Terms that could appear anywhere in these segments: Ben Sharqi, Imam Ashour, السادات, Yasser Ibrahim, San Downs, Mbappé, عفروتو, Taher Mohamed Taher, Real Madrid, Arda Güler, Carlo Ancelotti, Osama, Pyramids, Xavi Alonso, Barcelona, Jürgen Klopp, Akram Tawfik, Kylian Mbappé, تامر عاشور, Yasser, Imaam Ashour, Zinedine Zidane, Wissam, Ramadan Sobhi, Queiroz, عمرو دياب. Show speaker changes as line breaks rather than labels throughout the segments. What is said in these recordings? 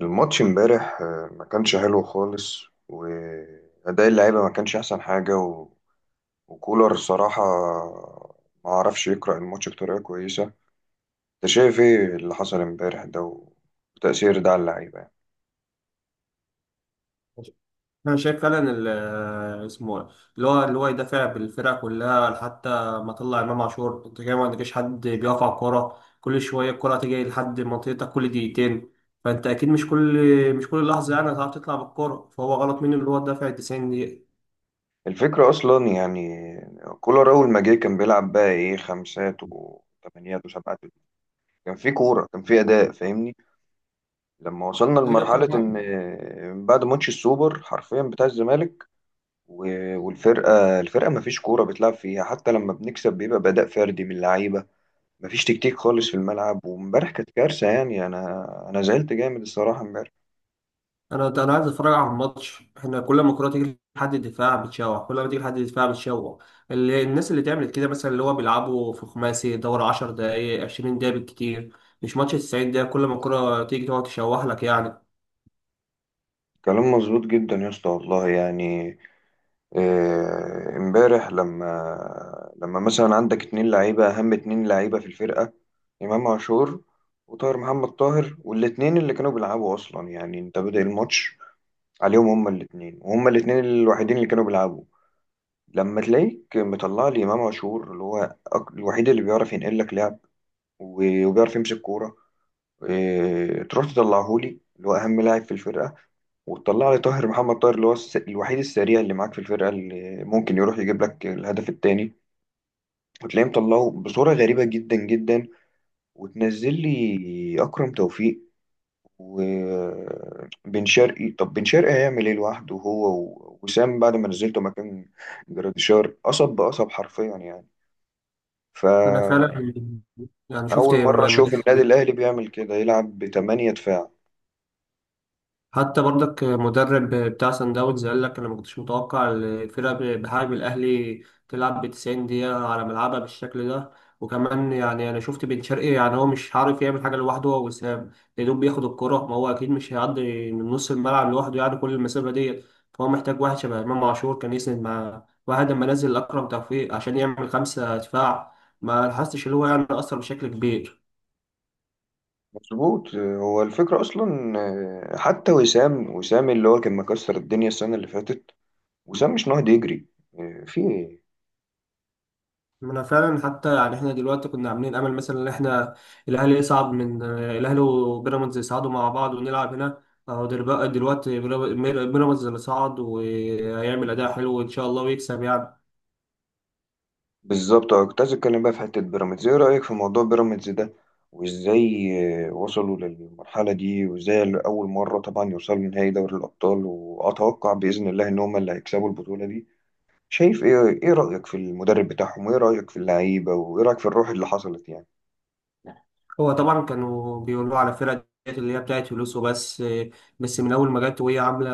الماتش امبارح ما كانش حلو خالص وأداء اللعيبة ما كانش أحسن حاجة و... وكولر صراحة ما عرفش يقرأ الماتش بطريقة كويسة. أنت شايف إيه اللي حصل امبارح ده وتأثير ده على اللعيبة يعني؟
انا شايف فعلا اسمه إيه؟ اللي هو يدافع بالفرقه كلها. حتى ما طلع امام عاشور انت كده ما عندكش حد بيقف على الكوره، كل شويه الكوره تيجي لحد منطقتك كل دقيقتين. فانت اكيد مش كل لحظه يعني هتعرف تطلع بالكوره، فهو غلط منه اللي هو دافع 90 دقيقه.
الفكرة أصلا يعني كولر أول ما جه كان بيلعب بقى إيه خمسات وثمانيات وسبعات، كان في كورة، كان في أداء، فاهمني؟ لما وصلنا
هي
لمرحلة
طبعا.
إن بعد ماتش السوبر حرفيا بتاع الزمالك والفرقة ما فيش كورة بتلعب فيها، حتى لما بنكسب بيبقى بأداء فردي من اللعيبة. ما فيش تكتيك خالص في الملعب، وامبارح كانت كارثة يعني. أنا زعلت جامد الصراحة امبارح.
انا عايز اتفرج على الماتش، احنا كل ما الكوره تيجي لحد الدفاع بتشوح، كل ما تيجي لحد الدفاع بتشوح. اللي الناس اللي تعمل كده مثلا اللي هو بيلعبوا في خماسي دوري 10 دقائق 20 دقيقه بالكتير، مش ماتش 90 دقيقه كل ما الكوره تيجي تقعد تشوح لك يعني.
كلام مظبوط جدا يا اسطى، والله يعني. امبارح لما مثلا عندك اتنين لعيبة، أهم اتنين لعيبة في الفرقة: إمام عاشور، وطاهر محمد طاهر، والاتنين اللي كانوا بيلعبوا أصلا يعني، أنت بادئ الماتش عليهم هما الاتنين، وهما الاتنين الوحيدين اللي كانوا بيلعبوا. لما تلاقيك مطلع لي امام عاشور اللي هو الوحيد اللي بيعرف ينقل لك لعب، وبيعرف يمسك كوره، إيه، تروح تطلعه لي اللي هو اهم لاعب في الفرقه، وتطلع لي طاهر محمد طاهر اللي هو الوحيد السريع اللي معاك في الفرقه، اللي ممكن يروح يجيب لك الهدف الثاني، وتلاقيه مطلعه بصوره غريبه جدا جدا، وتنزل لي اكرم توفيق وبن شرقي. طب بن شرقي هيعمل ايه لوحده هو وسام بعد ما نزلته مكان جراديشار؟ قصب بقصب حرفيا يعني.
انا فعلا
فأول
يعني شفت
مرة أشوف
مدافع.
النادي الأهلي بيعمل كده، يلعب بتمانية دفاع.
حتى برضك مدرب بتاع سان داونز قال لك انا ما كنتش متوقع الفرقه بحجم الاهلي تلعب ب 90 دقيقه على ملعبها بالشكل ده. وكمان يعني انا شفت بن شرقي، يعني هو مش عارف يعمل حاجه لوحده هو وسام، يا دوب بياخد الكره، ما هو اكيد مش هيعدي من نص الملعب لوحده يعني كل المسافه ديت. فهو محتاج واحد شبه امام عاشور كان يسند مع واحد لما نزل اكرم توفيق عشان يعمل خمسه دفاع، ما لاحظتش اللي هو يعني اثر بشكل كبير.
مظبوط، هو الفكرة أصلا. حتى وسام اللي هو كان مكسر الدنيا السنة اللي فاتت، وسام مش نهض يجري. آه، في إيه؟
ما انا فعلا حتى يعني احنا دلوقتي كنا عاملين امل مثلا ان احنا الاهلي يصعد من الاهلي وبيراميدز يصعدوا مع بعض ونلعب هنا. اهو بقى دلوقتي بيراميدز اللي صعد وهيعمل اداء حلو ان شاء الله ويكسب يعني.
بالظبط. أه، كنت عايز أتكلم بقى في حتة بيراميدز. إيه رأيك في موضوع بيراميدز ده، وإزاي وصلوا للمرحلة دي، وإزاي أول مرة طبعا يوصلوا لنهائي دوري الأبطال؟ وأتوقع بإذن الله إن هما اللي هيكسبوا البطولة دي. شايف ايه؟ ايه رأيك في المدرب بتاعهم، وايه رأيك في اللعيبة، وايه رأيك في الروح اللي حصلت يعني؟
هو طبعا كانوا بيقولوا على فرقة ديت اللي هي بتاعت فلوس وبس، بس من أول ما جت وهي عاملة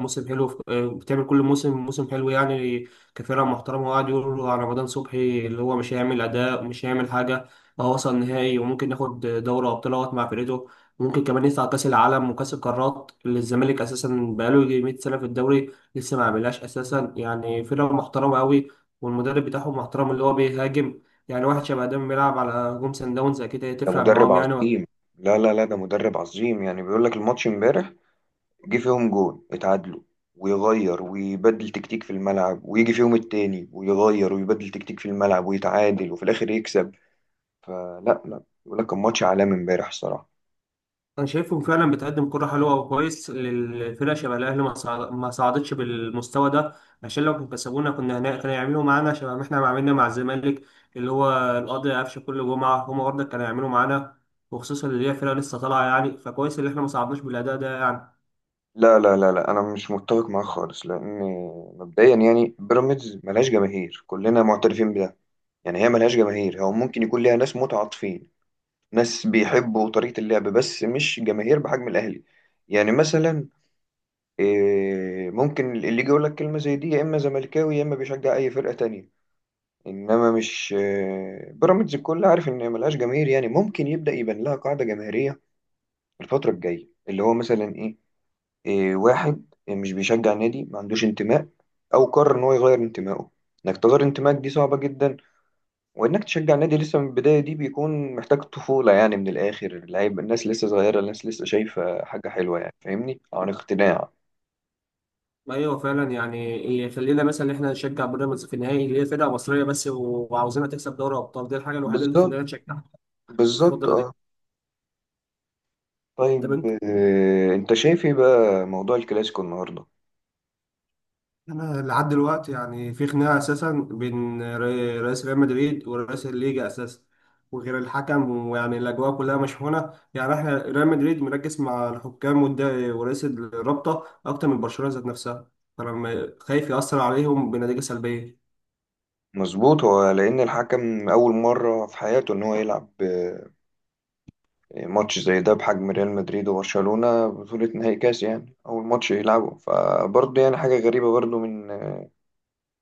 موسم حلو بتعمل كل موسم موسم حلو يعني كفرقة محترمة. وقعد يقولوا على رمضان صبحي اللي هو مش هيعمل أداء ومش هيعمل حاجة. هو وصل نهائي وممكن ياخد دوري أبطال أهوت مع فرقته، وممكن كمان يطلع كأس العالم وكأس القارات اللي الزمالك أساسا بقاله يجي 100 سنة في الدوري لسه ما عملهاش أساسا، يعني فرقة محترمة أوي. والمدرب بتاعهم محترم اللي هو بيهاجم، يعني واحد شبه ده بيلعب على جون سان داونز اكيد
ده
هتفرق
مدرب
معاهم يعني.
عظيم. لا ده مدرب عظيم يعني. بيقول لك الماتش امبارح جه فيهم جون، اتعادلوا، ويغير ويبدل تكتيك في الملعب، ويجي فيهم التاني، ويغير ويبدل تكتيك في الملعب، ويتعادل، وفي الآخر يكسب. فلا لا بيقول لك كان ماتش عالمي امبارح الصراحة.
انا شايفهم فعلا بتقدم كرة حلوة وكويس للفرقة شبه الاهلي ما صعدتش بالمستوى ده، عشان لو كانوا كسبونا كنا هنا كانوا يعملوا معانا شبه ما احنا عملنا مع الزمالك، اللي هو القاضي قفشه كل جمعة هم برضه كانوا يعملوا معانا. وخصوصا اللي هي فرقة لسه طالعة، يعني فكويس اللي احنا ما صعدناش بالاداء ده يعني.
لا انا مش متفق معاه خالص، لان مبدئيا يعني بيراميدز ملهاش جماهير، كلنا معترفين بده. يعني هي ملهاش جماهير، هو ممكن يكون ليها ناس متعاطفين، ناس بيحبوا طريقة اللعب، بس مش جماهير بحجم الأهلي. يعني مثلا إيه، ممكن اللي يجي يقول لك كلمة زي دي يا إما زملكاوي يا إما بيشجع أي فرقة تانية. إنما مش بيراميدز الكل عارف إن هي ملهاش جماهير. يعني ممكن يبدأ يبان لها قاعدة جماهيرية الفترة الجاية، اللي هو مثلا إيه، إيه، واحد مش بيشجع نادي، ما عندوش انتماء، أو قرر إن هو يغير انتمائه. إنك تغير انتمائك دي صعبة جدا. وانك تشجع نادي لسه من البدايه دي بيكون محتاج طفوله يعني، من الاخر اللعيب. الناس لسه صغيره، الناس لسه شايفه حاجه حلوه يعني فاهمني، عن اقتناع.
ايوه فعلا يعني يخلينا مثلا ان احنا نشجع بيراميدز في النهائي اللي هي فرقه مصريه بس وعاوزينها تكسب دوري ابطال، دي الحاجه الوحيده اللي
بالظبط.
تخلينا نشجعها في
بالظبط،
الفتره
اه.
دي. طب
طيب.
انت.
انت شايف ايه بقى موضوع الكلاسيكو النهارده؟
انا لحد دلوقتي يعني في خناقه اساسا بين رئيس ريال مدريد ورئيس الليجا اساسا، وغير الحكم، ويعني الاجواء كلها مشحونه يعني احنا ريال مدريد مركز مع الحكام ورئيس الرابطه اكتر من برشلونه ذات نفسها، فانا خايف ياثر عليهم بنتيجه سلبيه.
مظبوط. هو لان الحكم اول مره في حياته ان هو يلعب ماتش زي ده بحجم ريال مدريد وبرشلونه، بطوله نهائي كاس يعني، اول ماتش يلعبه، فبرضه يعني حاجه غريبه برضه من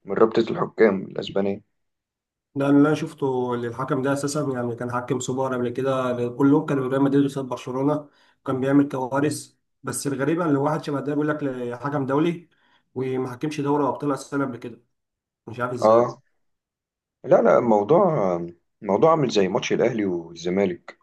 من رابطه الحكام الاسبانيه.
ده اللي انا شفته، اللي الحكم ده اساسا يعني كان حكم سوبر قبل كده كلهم كانوا ريال مدريد قصاد برشلونه كان بيعمل كوارث. بس الغريبه ان واحد شبه ده بيقول لك حكم دولي، وما حكمش دوري ابطال اساسا قبل كده، مش عارف ازاي.
اه. لا، لا، الموضوع، الموضوع عامل زي ماتش الأهلي والزمالك.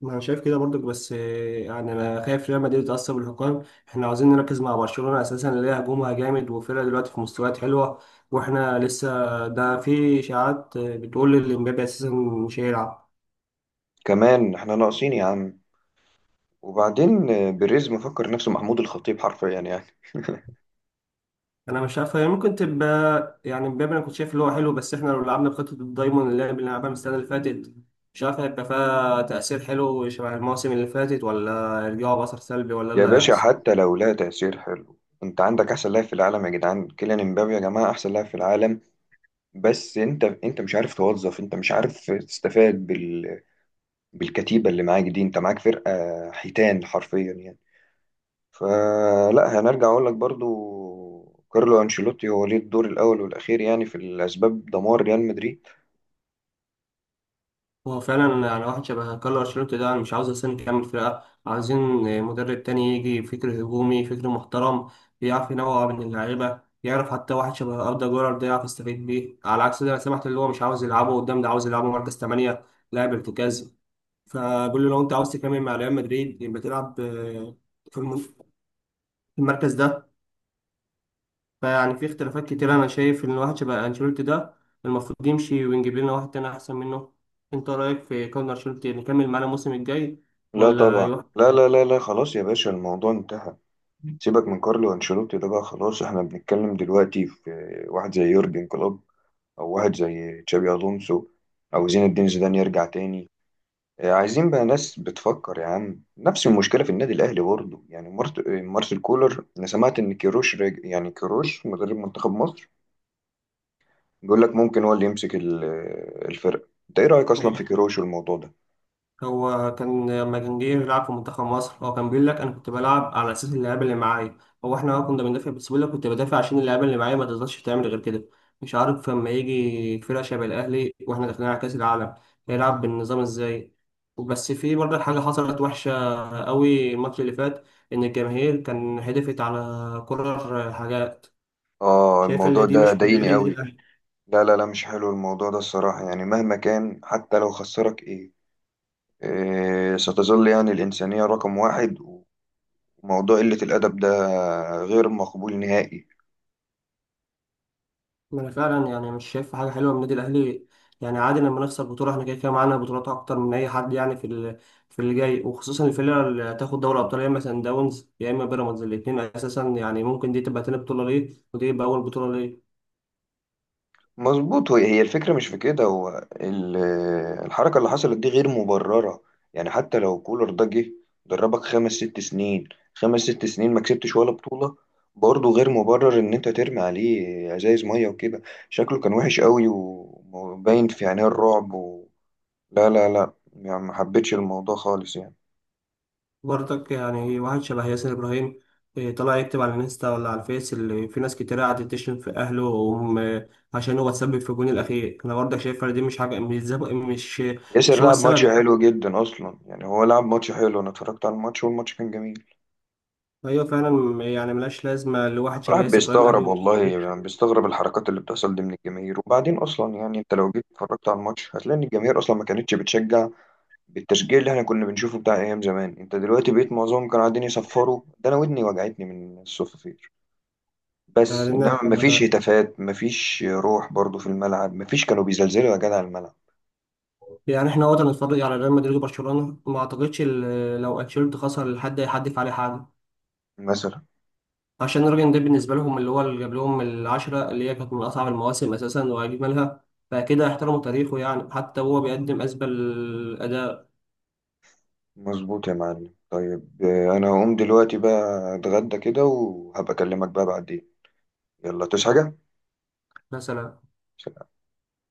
ما انا شايف كده برضك بس، يعني انا خايف ريال مدريد يتأثر بالحكام. احنا عاوزين نركز مع برشلونة اساسا اللي هي هجومها جامد وفرقة دلوقتي في مستويات حلوة، واحنا لسه ده في اشاعات بتقول ان امبابي اساسا مش هيلعب.
كمان احنا ناقصين يا عم. وبعدين بيريز مفكر نفسه محمود الخطيب حرفيا يعني.
انا مش عارف، هي ممكن تبقى يعني امبابي انا كنت شايف اللي هو حلو، بس احنا لو لعبنا بخطة الدايموند اللي احنا لعبناها من السنة اللي فاتت مش عارف هيبقى فيها تأثير حلو شبه المواسم اللي فاتت، ولا يرجعوا بأثر سلبي، ولا إيه
يا
اللي
باشا،
هيحصل.
حتى لو لا تأثير حلو، انت عندك احسن لاعب في العالم يا جدعان، كيليان امبابي يا جماعة، احسن لاعب في العالم. بس انت مش عارف توظف، انت مش عارف تستفاد بال... بالكتيبة اللي معاك دي. انت معاك فرقة حيتان حرفيا يعني. فلا، هنرجع اقول لك برضو، كارلو انشيلوتي هو ليه الدور الاول والاخير يعني في الاسباب، دمار ريال مدريد.
هو فعلا يعني واحد شبه كارلو انشيلوتي ده انا مش عاوز اصلا يكمل فرقه، عايزين مدرب تاني يجي فكر هجومي فكر محترم، يعرف ينوع بين اللعيبه، يعرف حتى واحد شبه اردا جولر ده يعرف يستفيد بيه. على عكس ده انا سمعت اللي هو مش عاوز يلعبه قدام، ده عاوز يلعبه مركز 8 لاعب ارتكازي. فبقول له لو انت عاوز تكمل مع ريال مدريد يبقى تلعب في الم- في المركز ده. فيعني في اختلافات كتير، انا شايف ان واحد شبه انشيلوتي ده المفروض يمشي ونجيب لنا واحد تاني احسن منه. انت رايك في كارلو انشيلوتي نكمل معانا الموسم الجاي
لا
ولا
طبعا.
يروح؟
لا خلاص يا باشا، الموضوع انتهى. سيبك من كارلو انشيلوتي ده بقى، خلاص. احنا بنتكلم دلوقتي في واحد زي يورجن كلوب، او واحد زي تشابي الونسو، او زين الدين زيدان يرجع تاني. عايزين بقى ناس بتفكر يا عم. نفس المشكله في النادي الاهلي برضه يعني، مارسيل كولر. انا سمعت ان كيروش راجع، يعني كيروش مدرب منتخب مصر، بيقول لك ممكن هو اللي يمسك الفرقة. انت ايه رأيك اصلا في كيروش والموضوع ده؟
هو كان لما كان جه يلعب في منتخب مصر هو كان بيقول لك انا كنت بلعب على اساس اللعيبه اللي معايا، هو احنا كنا بندافع، بس بيقول لك كنت بدافع عشان اللعيبه اللي معايا ما تقدرش تعمل غير كده. مش عارف لما يجي فرقه شبه الاهلي واحنا داخلين على كاس العالم هيلعب بالنظام ازاي. بس في برضه حاجه حصلت وحشه قوي الماتش اللي فات، ان الجماهير كان هدفت على كرر حاجات.
اه
شايف
الموضوع
اللي دي
ده
مش من
ضايقني
النادي.
قوي. لا مش حلو الموضوع ده الصراحة يعني. مهما كان، حتى لو خسرك ايه، إيه، ستظل يعني الإنسانية رقم 1. وموضوع قلة الأدب ده غير مقبول نهائي.
ما انا فعلا يعني مش شايف حاجه حلوه من النادي الاهلي، يعني عادي لما نخسر بطوله احنا كده كده معانا بطولات اكتر من اي حد يعني في في اللي جاي، وخصوصا الفرقه اللي هتاخد دوري ابطال يا اما سان داونز يا اما بيراميدز الاثنين اساسا، يعني ممكن دي تبقى تاني بطوله ليه ودي تبقى اول بطوله ليه.
مظبوط. هي الفكرة مش في كده، هو الحركة اللي حصلت دي غير مبررة. يعني حتى لو كولر ده جه دربك 5 ست سنين، خمس ست سنين ما كسبتش ولا بطولة، برضه غير مبرر إن أنت ترمي عليه ازايز مية وكده. شكله كان وحش قوي، وباين في عينيه الرعب و... لا يعني ما حبيتش الموضوع خالص يعني.
برضك يعني واحد شبه ياسر ابراهيم، طلع يكتب على الانستا ولا على الفيس اللي في ناس كتير قعدت تشتم في اهله وهم، عشان هو اتسبب في الجون الاخير. انا برضك شايف إن دي مش حاجه، مش
ياسر
مش هو
لعب
السبب.
ماتش حلو جدا أصلا يعني. هو لعب ماتش حلو، أنا اتفرجت على الماتش والماتش كان جميل.
ايوه فعلا يعني ملهاش لازمه لواحد شبه
الواحد
ياسر ابراهيم
بيستغرب
اهلي.
والله يعني، بيستغرب الحركات اللي بتحصل دي من الجماهير. وبعدين اصلا يعني انت لو جيت اتفرجت على الماتش هتلاقي ان الجماهير اصلا ما كانتش بتشجع بالتشجيع اللي احنا كنا بنشوفه بتاع ايام زمان. انت دلوقتي بقيت معظمهم كانوا قاعدين يصفروا، ده انا ودني وجعتني من الصفافير. بس
يعني
انما ما فيش هتافات، ما فيش روح برضو في الملعب، ما فيش كانوا بيزلزلوا يا جدع الملعب
يعني احنا وقت نتفرج على ريال مدريد وبرشلونه ما اعتقدش لو انشيلوتي خسر الحد هيحدف عليه حاجه،
مثلا.
عشان الراجل ده بالنسبه لهم اللي هو اللي جاب لهم العشره اللي هي كانت من اصعب المواسم اساسا واجملها، فكده احترموا تاريخه يعني حتى هو بيقدم اسبل اداء
مظبوط يا معلم. طيب انا هقوم دلوقتي بقى اتغدى كده، وهبقى اكلمك بقى بعدين. يلا تصحى
مثلا
حاجه.